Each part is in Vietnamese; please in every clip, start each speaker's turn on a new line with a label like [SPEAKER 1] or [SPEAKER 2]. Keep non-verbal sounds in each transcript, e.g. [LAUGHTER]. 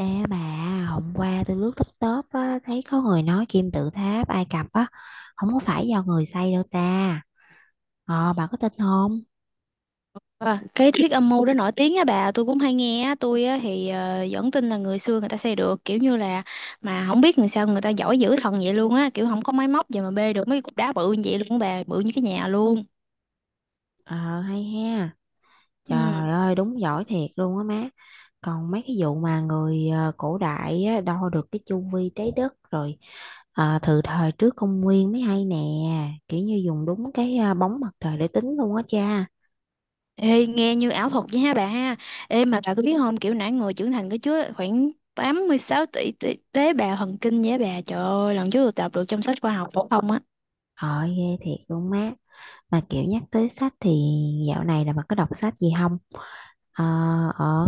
[SPEAKER 1] Ê bà, hôm qua tôi lướt TikTok á, thấy có người nói kim tự tháp Ai Cập á, không có phải do người xây đâu ta. Ờ, bà có tin không?
[SPEAKER 2] À, cái thuyết âm mưu đó nổi tiếng á bà, tôi cũng hay nghe á. Tôi á thì vẫn tin là người xưa người ta xây được, kiểu như là mà không biết người sao người ta giỏi dữ thần vậy luôn á, kiểu không có máy móc gì mà bê được mấy cục đá bự như vậy luôn á bà, bự như cái nhà luôn.
[SPEAKER 1] Ờ, hay ha.
[SPEAKER 2] Ừ.
[SPEAKER 1] Trời ơi, đúng giỏi thiệt luôn á má. Còn mấy cái vụ mà người cổ đại á, đo được cái chu vi trái đất rồi từ thời trước công nguyên mới hay nè. Kiểu như dùng đúng cái bóng mặt trời để tính luôn á cha.
[SPEAKER 2] Ê, nghe như ảo thuật vậy ha bà ha. Ê mà bà có biết không, kiểu nãy người trưởng thành có chứa khoảng 86 tỷ tế bào thần kinh vậy á bà, trời ơi, lần trước tôi đọc được trong sách khoa học phổ thông á.
[SPEAKER 1] Ờ, ghê thiệt luôn má. Mà kiểu nhắc tới sách thì dạo này là bà có đọc sách gì không? Ờ, ờ,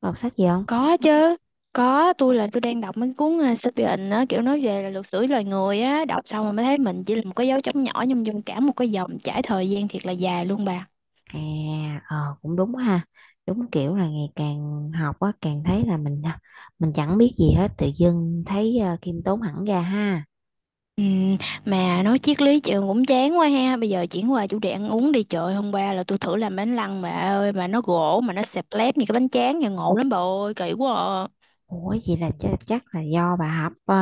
[SPEAKER 1] có đọc sách gì không?
[SPEAKER 2] Có chứ, có, tôi đang đọc mấy cuốn Sapiens á, kiểu nói về là luật sử loài người á, đọc xong rồi mới thấy mình chỉ là một cái dấu chấm nhỏ nhưng trong cả một cái dòng trải thời gian thiệt là dài luôn bà.
[SPEAKER 1] À, ờ, cũng đúng ha. Đúng kiểu là ngày càng học á, càng thấy là mình à, mình chẳng biết gì hết, tự dưng thấy khiêm tốn hẳn ra ha.
[SPEAKER 2] Ừ, mà nói triết lý trường cũng chán quá ha, bây giờ chuyển qua chủ đề ăn uống đi trời. Hôm qua là tôi thử làm bánh lăng bà ơi, mà nó gỗ mà nó xẹp lép như cái bánh tráng nhà, ngộ lắm bà ơi, kỳ quá à.
[SPEAKER 1] Ủa vậy là chắc là do bà hấp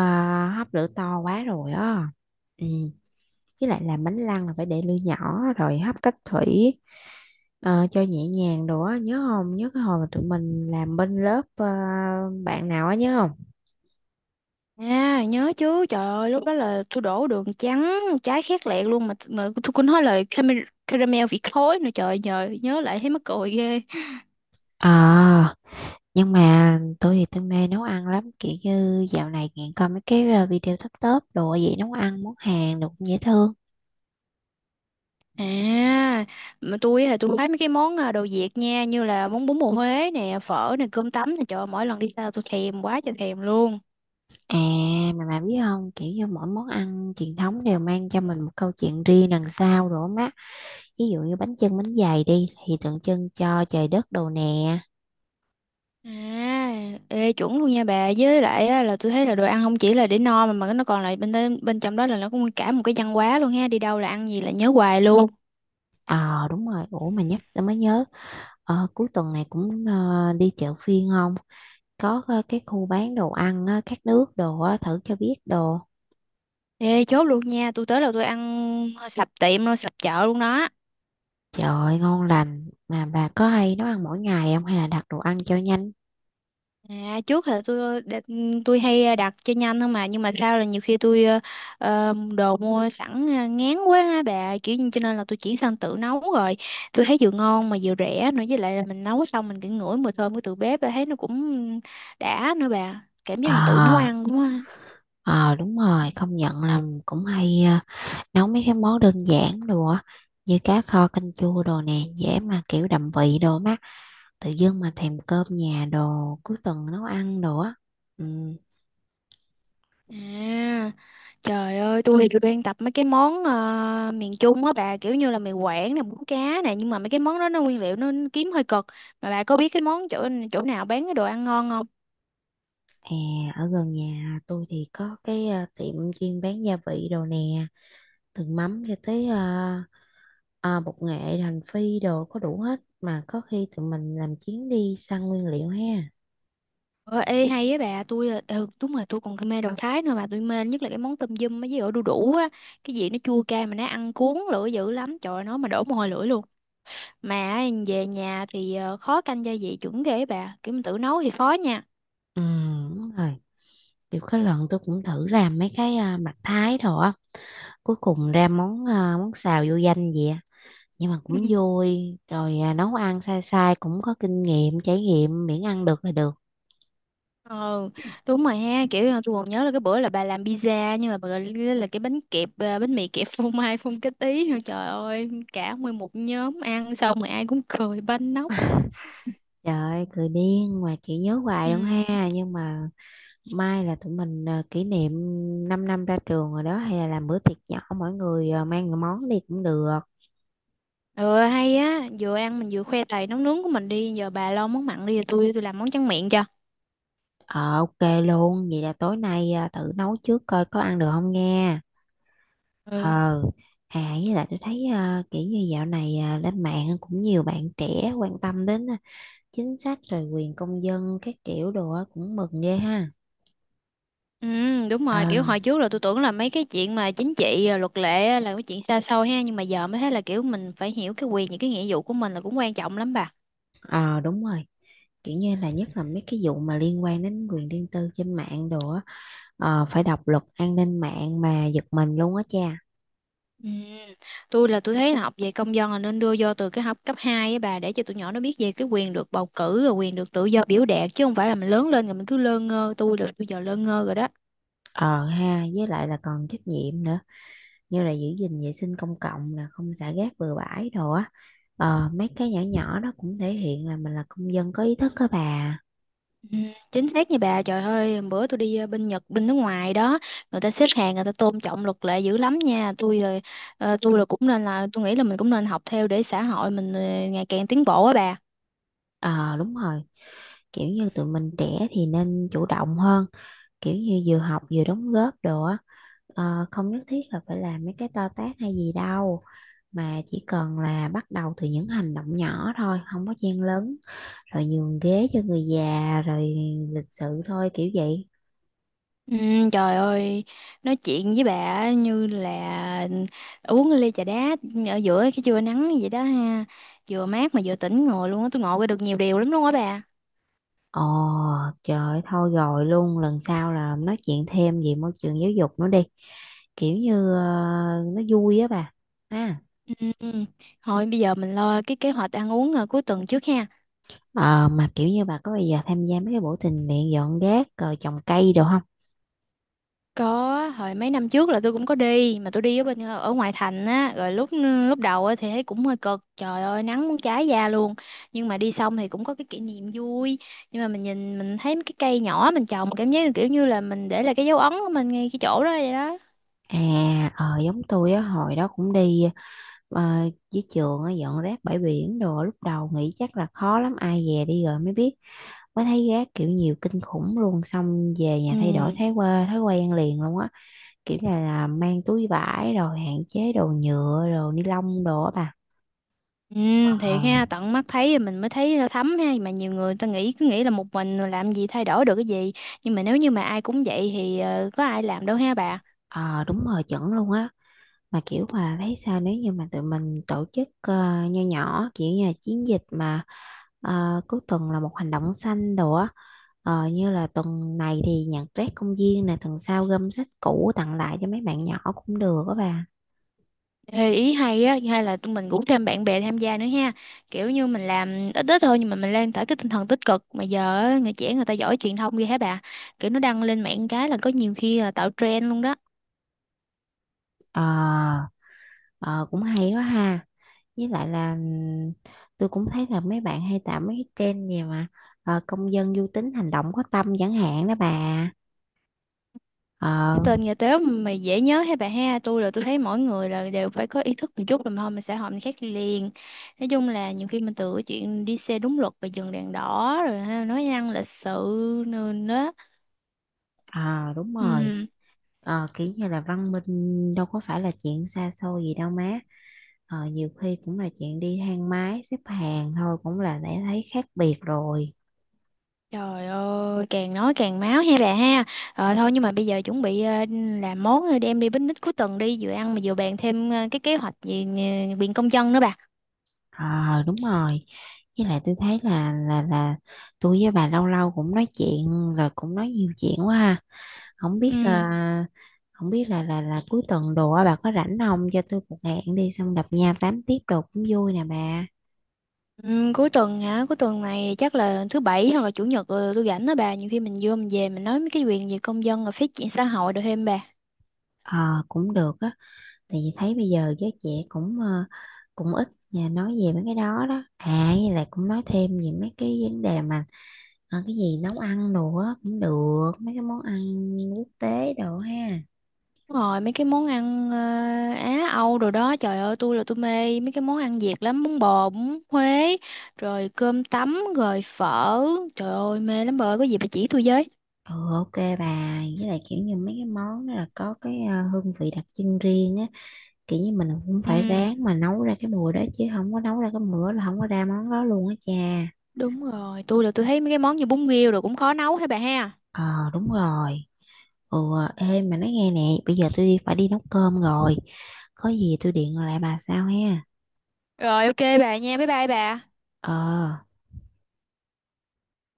[SPEAKER 1] hấp lửa to quá rồi á. Ừ, với lại làm bánh lăng là phải để lửa nhỏ rồi hấp cách thủy cho nhẹ nhàng đồ á, nhớ không? Nhớ cái hồi mà tụi mình làm bên lớp bạn nào á nhớ không?
[SPEAKER 2] À, nhớ chứ, trời ơi, lúc đó là tôi đổ đường trắng trái khét lẹt luôn mà tôi cũng nói là caramel, caramel vị khối nữa, trời, nhờ nhớ lại thấy mắc cười ghê.
[SPEAKER 1] Ờ, nhưng mà tôi thì tôi mê nấu ăn lắm, kiểu như dạo này nghiện coi mấy cái video top top đồ, vậy nấu ăn món Hàn đồ cũng dễ thương.
[SPEAKER 2] À, mà tôi thấy mấy cái món à, đồ Việt nha, như là món bún bò Huế nè, phở nè, cơm tấm nè, trời ơi, mỗi lần đi xa tôi thèm quá trời thèm luôn.
[SPEAKER 1] À, mà bà biết không, kiểu như mỗi món ăn truyền thống đều mang cho mình một câu chuyện riêng đằng sau đồ má, ví dụ như bánh chưng bánh dày đi thì tượng trưng cho trời đất đồ nè.
[SPEAKER 2] À, ê chuẩn luôn nha bà, với lại á, là tôi thấy là đồ ăn không chỉ là để no mà nó còn là bên bên trong đó là nó cũng cả một cái văn hóa luôn ha, đi đâu là ăn gì là nhớ hoài luôn.
[SPEAKER 1] Ờ đúng rồi, ủa mà nhắc tôi mới nhớ, cuối tuần này cũng đi chợ phiên không, có cái khu bán đồ ăn á, các nước đồ á, thử cho biết đồ.
[SPEAKER 2] Ê, chốt luôn nha, tôi tới là tôi ăn sập tiệm luôn, sập chợ luôn đó.
[SPEAKER 1] Trời ơi, ngon lành, mà bà có hay nấu ăn mỗi ngày không hay là đặt đồ ăn cho nhanh?
[SPEAKER 2] À, trước là tôi đặt- tôi hay đặt cho nhanh thôi mà, nhưng mà sao là nhiều khi tôi đồ mua sẵn ngán quá á bà, kiểu như cho nên là tôi chuyển sang tự nấu rồi. Tôi thấy vừa ngon mà vừa rẻ nữa, với lại là mình nấu xong mình cứ ngửi mùi thơm của từ bếp, thấy nó cũng đã nữa bà. Cảm giác mình tự nấu
[SPEAKER 1] Ờ,
[SPEAKER 2] ăn cũng.
[SPEAKER 1] ờ đúng rồi, công nhận là cũng hay nấu mấy cái món đơn giản đồ á, như cá kho canh chua đồ nè, dễ mà kiểu đậm vị đồ má, tự dưng mà thèm cơm nhà đồ cuối tuần nấu ăn đồ á. Ừ,
[SPEAKER 2] À, trời ơi, tôi đang tập mấy cái món miền Trung á bà, kiểu như là mì Quảng nè, bún cá nè, nhưng mà mấy cái món đó nó nguyên liệu nó kiếm hơi cực. Mà bà có biết cái món chỗ chỗ nào bán cái đồ ăn ngon không?
[SPEAKER 1] à, ở gần nhà tôi thì có cái tiệm chuyên bán gia vị đồ nè, từ mắm cho tới bột nghệ hành phi đồ có đủ hết, mà có khi tụi mình làm chuyến đi săn nguyên liệu ha.
[SPEAKER 2] Ờ, ê hay á bà, tôi là- ừ, đúng rồi, tôi còn mê đồ Thái nữa, mà tôi mê nhất là cái món tôm dum với ổi đu đủ á, cái gì nó chua cay mà nó ăn cuốn lưỡi dữ lắm, trời ơi, nó mà đổ mồ hôi lưỡi luôn. Mà về nhà thì khó canh gia vị chuẩn ghê á bà, kiểu mình tự nấu thì khó nha.
[SPEAKER 1] Ừ đúng rồi, kiểu cái lần tôi cũng thử làm mấy cái à, mặt thái thôi á, cuối cùng ra món à, món xào vô danh vậy á. Nhưng mà cũng
[SPEAKER 2] [LAUGHS]
[SPEAKER 1] vui rồi à, nấu ăn sai sai cũng có kinh nghiệm trải nghiệm, miễn ăn được là được.
[SPEAKER 2] Ờ, đúng rồi ha, kiểu là tôi còn nhớ là cái bữa là bà làm pizza nhưng mà bà gọi là cái bánh kẹp à, bánh mì kẹp phô mai phun cái tí. [LAUGHS] Trời ơi, cả nguyên một nhóm ăn xong rồi ai cũng cười banh nóc.
[SPEAKER 1] Trời ơi, cười điên mà chỉ nhớ hoài luôn
[SPEAKER 2] Ừ.
[SPEAKER 1] ha, nhưng mà mai là tụi mình à, kỷ niệm 5 năm ra trường rồi đó, hay là làm bữa tiệc nhỏ, mỗi người à, mang món đi cũng được.
[SPEAKER 2] Ừ, hay á, vừa ăn mình vừa khoe tài nấu nướng của mình đi, giờ bà lo món mặn đi rồi tôi làm món tráng miệng cho.
[SPEAKER 1] Ờ, ok luôn, vậy là tối nay à, thử nấu trước coi có ăn được không nghe.
[SPEAKER 2] Ừ.
[SPEAKER 1] Ờ, à với lại tôi thấy à, kiểu như dạo này à, lên mạng cũng nhiều bạn trẻ quan tâm đến à, chính sách rồi quyền công dân các kiểu đồ á, cũng mừng ghê ha.
[SPEAKER 2] Ừ, đúng
[SPEAKER 1] Ờ,
[SPEAKER 2] rồi, kiểu hồi trước là tôi tưởng là mấy cái chuyện mà chính trị rồi luật lệ á là cái chuyện xa xôi ha, nhưng mà giờ mới thấy là kiểu mình phải hiểu cái quyền, những cái nghĩa vụ của mình là cũng quan trọng lắm bà.
[SPEAKER 1] ờ đúng rồi, kiểu như là nhất là mấy cái vụ mà liên quan đến quyền riêng tư trên mạng đồ á, ờ, phải đọc luật an ninh mạng mà giật mình luôn á cha.
[SPEAKER 2] Ừ. Tôi là tôi thấy là học về công dân là nên đưa vô từ cái học cấp 2 á bà, để cho tụi nhỏ nó biết về cái quyền được bầu cử rồi quyền được tự do biểu đạt, chứ không phải là mình lớn lên rồi mình cứ lơ ngơ, tôi là tôi giờ lơ ngơ rồi đó.
[SPEAKER 1] Ờ ha, với lại là còn trách nhiệm nữa. Như là giữ gìn vệ sinh công cộng là không xả rác bừa bãi đồ á. Ờ, mấy cái nhỏ nhỏ đó cũng thể hiện là mình là công dân có ý thức đó bà.
[SPEAKER 2] Ừ. Chính xác như bà, trời ơi hôm bữa tôi đi bên Nhật bên nước ngoài đó, người ta xếp hàng, người ta tôn trọng luật lệ dữ lắm nha. Tôi là tôi là cũng nên, là tôi nghĩ là mình cũng nên học theo để xã hội mình ngày càng tiến bộ á bà.
[SPEAKER 1] Ờ đúng rồi, kiểu như tụi mình trẻ thì nên chủ động hơn, kiểu như vừa học vừa đóng góp đồ á. Ờ, không nhất thiết là phải làm mấy cái to tát hay gì đâu, mà chỉ cần là bắt đầu từ những hành động nhỏ thôi, không có chen lấn, rồi nhường ghế cho người già, rồi lịch sự thôi, kiểu vậy.
[SPEAKER 2] Ừ, trời ơi, nói chuyện với bà á, như là uống ly trà đá ở giữa cái trưa nắng vậy đó ha. Vừa mát mà vừa tỉnh ngồi luôn á, tôi ngộ ra được nhiều điều lắm luôn á bà.
[SPEAKER 1] Ồ, trời ơi, thôi rồi luôn, lần sau là nói chuyện thêm về môi trường giáo dục nữa đi. Kiểu như nó vui á bà. Ha.
[SPEAKER 2] Ừ, ừ. Thôi bây giờ mình lo cái kế hoạch ăn uống à, cuối tuần trước ha.
[SPEAKER 1] Ờ, mà kiểu như bà có bây giờ tham gia mấy cái buổi tình nguyện dọn rác rồi trồng cây được không?
[SPEAKER 2] Có, hồi mấy năm trước là tôi cũng có đi, mà tôi đi ở bên ở ngoại thành á, rồi lúc ừ, lúc đầu á thì thấy cũng hơi cực. Trời ơi, nắng muốn cháy da luôn. Nhưng mà đi xong thì cũng có cái kỷ niệm vui. Nhưng mà mình nhìn mình thấy mấy cái cây nhỏ mình trồng, cảm giác kiểu như là mình để lại cái dấu ấn của mình ngay cái chỗ đó vậy đó.
[SPEAKER 1] À, ờ, giống tôi á, hồi đó cũng đi ờ, với trường á, dọn rác bãi biển đồ, lúc đầu nghĩ chắc là khó lắm, ai về đi rồi mới biết, mới thấy rác kiểu nhiều kinh khủng luôn, xong về nhà
[SPEAKER 2] Ừ.
[SPEAKER 1] thay đổi thói quen liền luôn á, kiểu như là mang túi vải rồi hạn chế đồ nhựa đồ ni lông đồ á bà.
[SPEAKER 2] Ừ,
[SPEAKER 1] Ờ.
[SPEAKER 2] thiệt ha, tận mắt thấy thì mình mới thấy nó thấm ha, mà nhiều người ta nghĩ, cứ nghĩ là một mình làm gì thay đổi được cái gì, nhưng mà nếu như mà ai cũng vậy thì có ai làm đâu ha bà.
[SPEAKER 1] Ờ, đúng rồi chuẩn luôn á, mà kiểu mà thấy sao nếu như mà tụi mình tổ chức nho nhỏ, kiểu như là chiến dịch mà cuối tuần là một hành động xanh đồ á. Ờ, như là tuần này thì nhặt rác công viên nè, tuần sau gom sách cũ tặng lại cho mấy bạn nhỏ cũng được á bà.
[SPEAKER 2] Ê, ý hay á, hay là tụi mình rủ thêm bạn bè tham gia nữa ha, kiểu như mình làm ít ít thôi nhưng mà mình lan tỏa cái tinh thần tích cực, mà giờ á, người trẻ người ta giỏi truyền thông ghê hả bà, kiểu nó đăng lên mạng cái là có nhiều khi là tạo trend luôn đó.
[SPEAKER 1] Ờ, ờ, cũng hay quá ha, với lại là tôi cũng thấy là mấy bạn hay tạo mấy cái trend gì mà công dân du tính hành động có tâm chẳng hạn đó bà. Ờ.
[SPEAKER 2] Cái tên nhà tếu mà dễ nhớ hay bà ha, tôi là tôi thấy mỗi người là đều phải có ý thức một chút rồi, mà không mình sẽ hội mình khác đi liền. Nói chung là nhiều khi mình từ cái chuyện đi xe đúng luật và dừng đèn đỏ rồi ha, nói năng lịch sự nữa đó.
[SPEAKER 1] Ờ, đúng rồi.
[SPEAKER 2] Ừ.
[SPEAKER 1] Ờ, kiểu như là văn minh đâu có phải là chuyện xa xôi gì đâu má, ờ, nhiều khi cũng là chuyện đi thang máy xếp hàng thôi cũng là đã thấy khác biệt rồi.
[SPEAKER 2] Trời ơi, càng nói càng máu ha bà ha. Ờ, thôi nhưng mà bây giờ chuẩn bị làm món rồi đem đi picnic cuối tuần đi, vừa ăn mà vừa bàn thêm cái kế hoạch về viện công dân nữa bà.
[SPEAKER 1] Ờ đúng rồi, với lại tôi thấy là tôi với bà lâu lâu cũng nói chuyện rồi cũng nói nhiều chuyện quá ha, không biết
[SPEAKER 2] Ừ.
[SPEAKER 1] là không biết là cuối tuần đồ á, bà có rảnh không cho tôi một hẹn đi xong gặp nhau tám tiếp đồ cũng vui nè bà.
[SPEAKER 2] Ừ, cuối tuần hả? Cuối tuần này chắc là thứ bảy hoặc là chủ nhật, tôi rảnh đó bà. Nhiều khi mình vô mình về mình nói mấy cái quyền về công dân rồi phát triển xã hội được thêm bà.
[SPEAKER 1] Ờ cũng được á, tại vì thấy bây giờ giới trẻ cũng cũng ít nhà nói về mấy cái đó đó à, với lại cũng nói thêm về mấy cái vấn đề mà cái gì nấu ăn đồ á cũng được, mấy cái món ăn quốc tế đồ ha.
[SPEAKER 2] Đúng rồi, mấy cái món ăn Á Âu rồi đó, trời ơi tôi mê mấy cái món ăn Việt lắm, bún bò, bún Huế, rồi cơm tấm, rồi phở, trời ơi mê lắm bà ơi, có gì bà chỉ tôi với.
[SPEAKER 1] Ừ ok bà, với lại kiểu như mấy cái món đó là có cái hương vị đặc trưng riêng á, kiểu như mình cũng phải
[SPEAKER 2] Ừ.
[SPEAKER 1] ráng mà nấu ra cái mùi đó, chứ không có nấu ra cái mùi đó là không có ra món đó luôn á cha.
[SPEAKER 2] Đúng rồi, tôi thấy mấy cái món như bún riêu rồi cũng khó nấu hả bà ha.
[SPEAKER 1] Ờ đúng rồi. Ừ. Ê mà nói nghe nè, bây giờ tôi đi phải đi nấu cơm rồi, có gì tôi điện lại bà sao ha.
[SPEAKER 2] Rồi, ok bà nha, bye bye bà.
[SPEAKER 1] Ờ.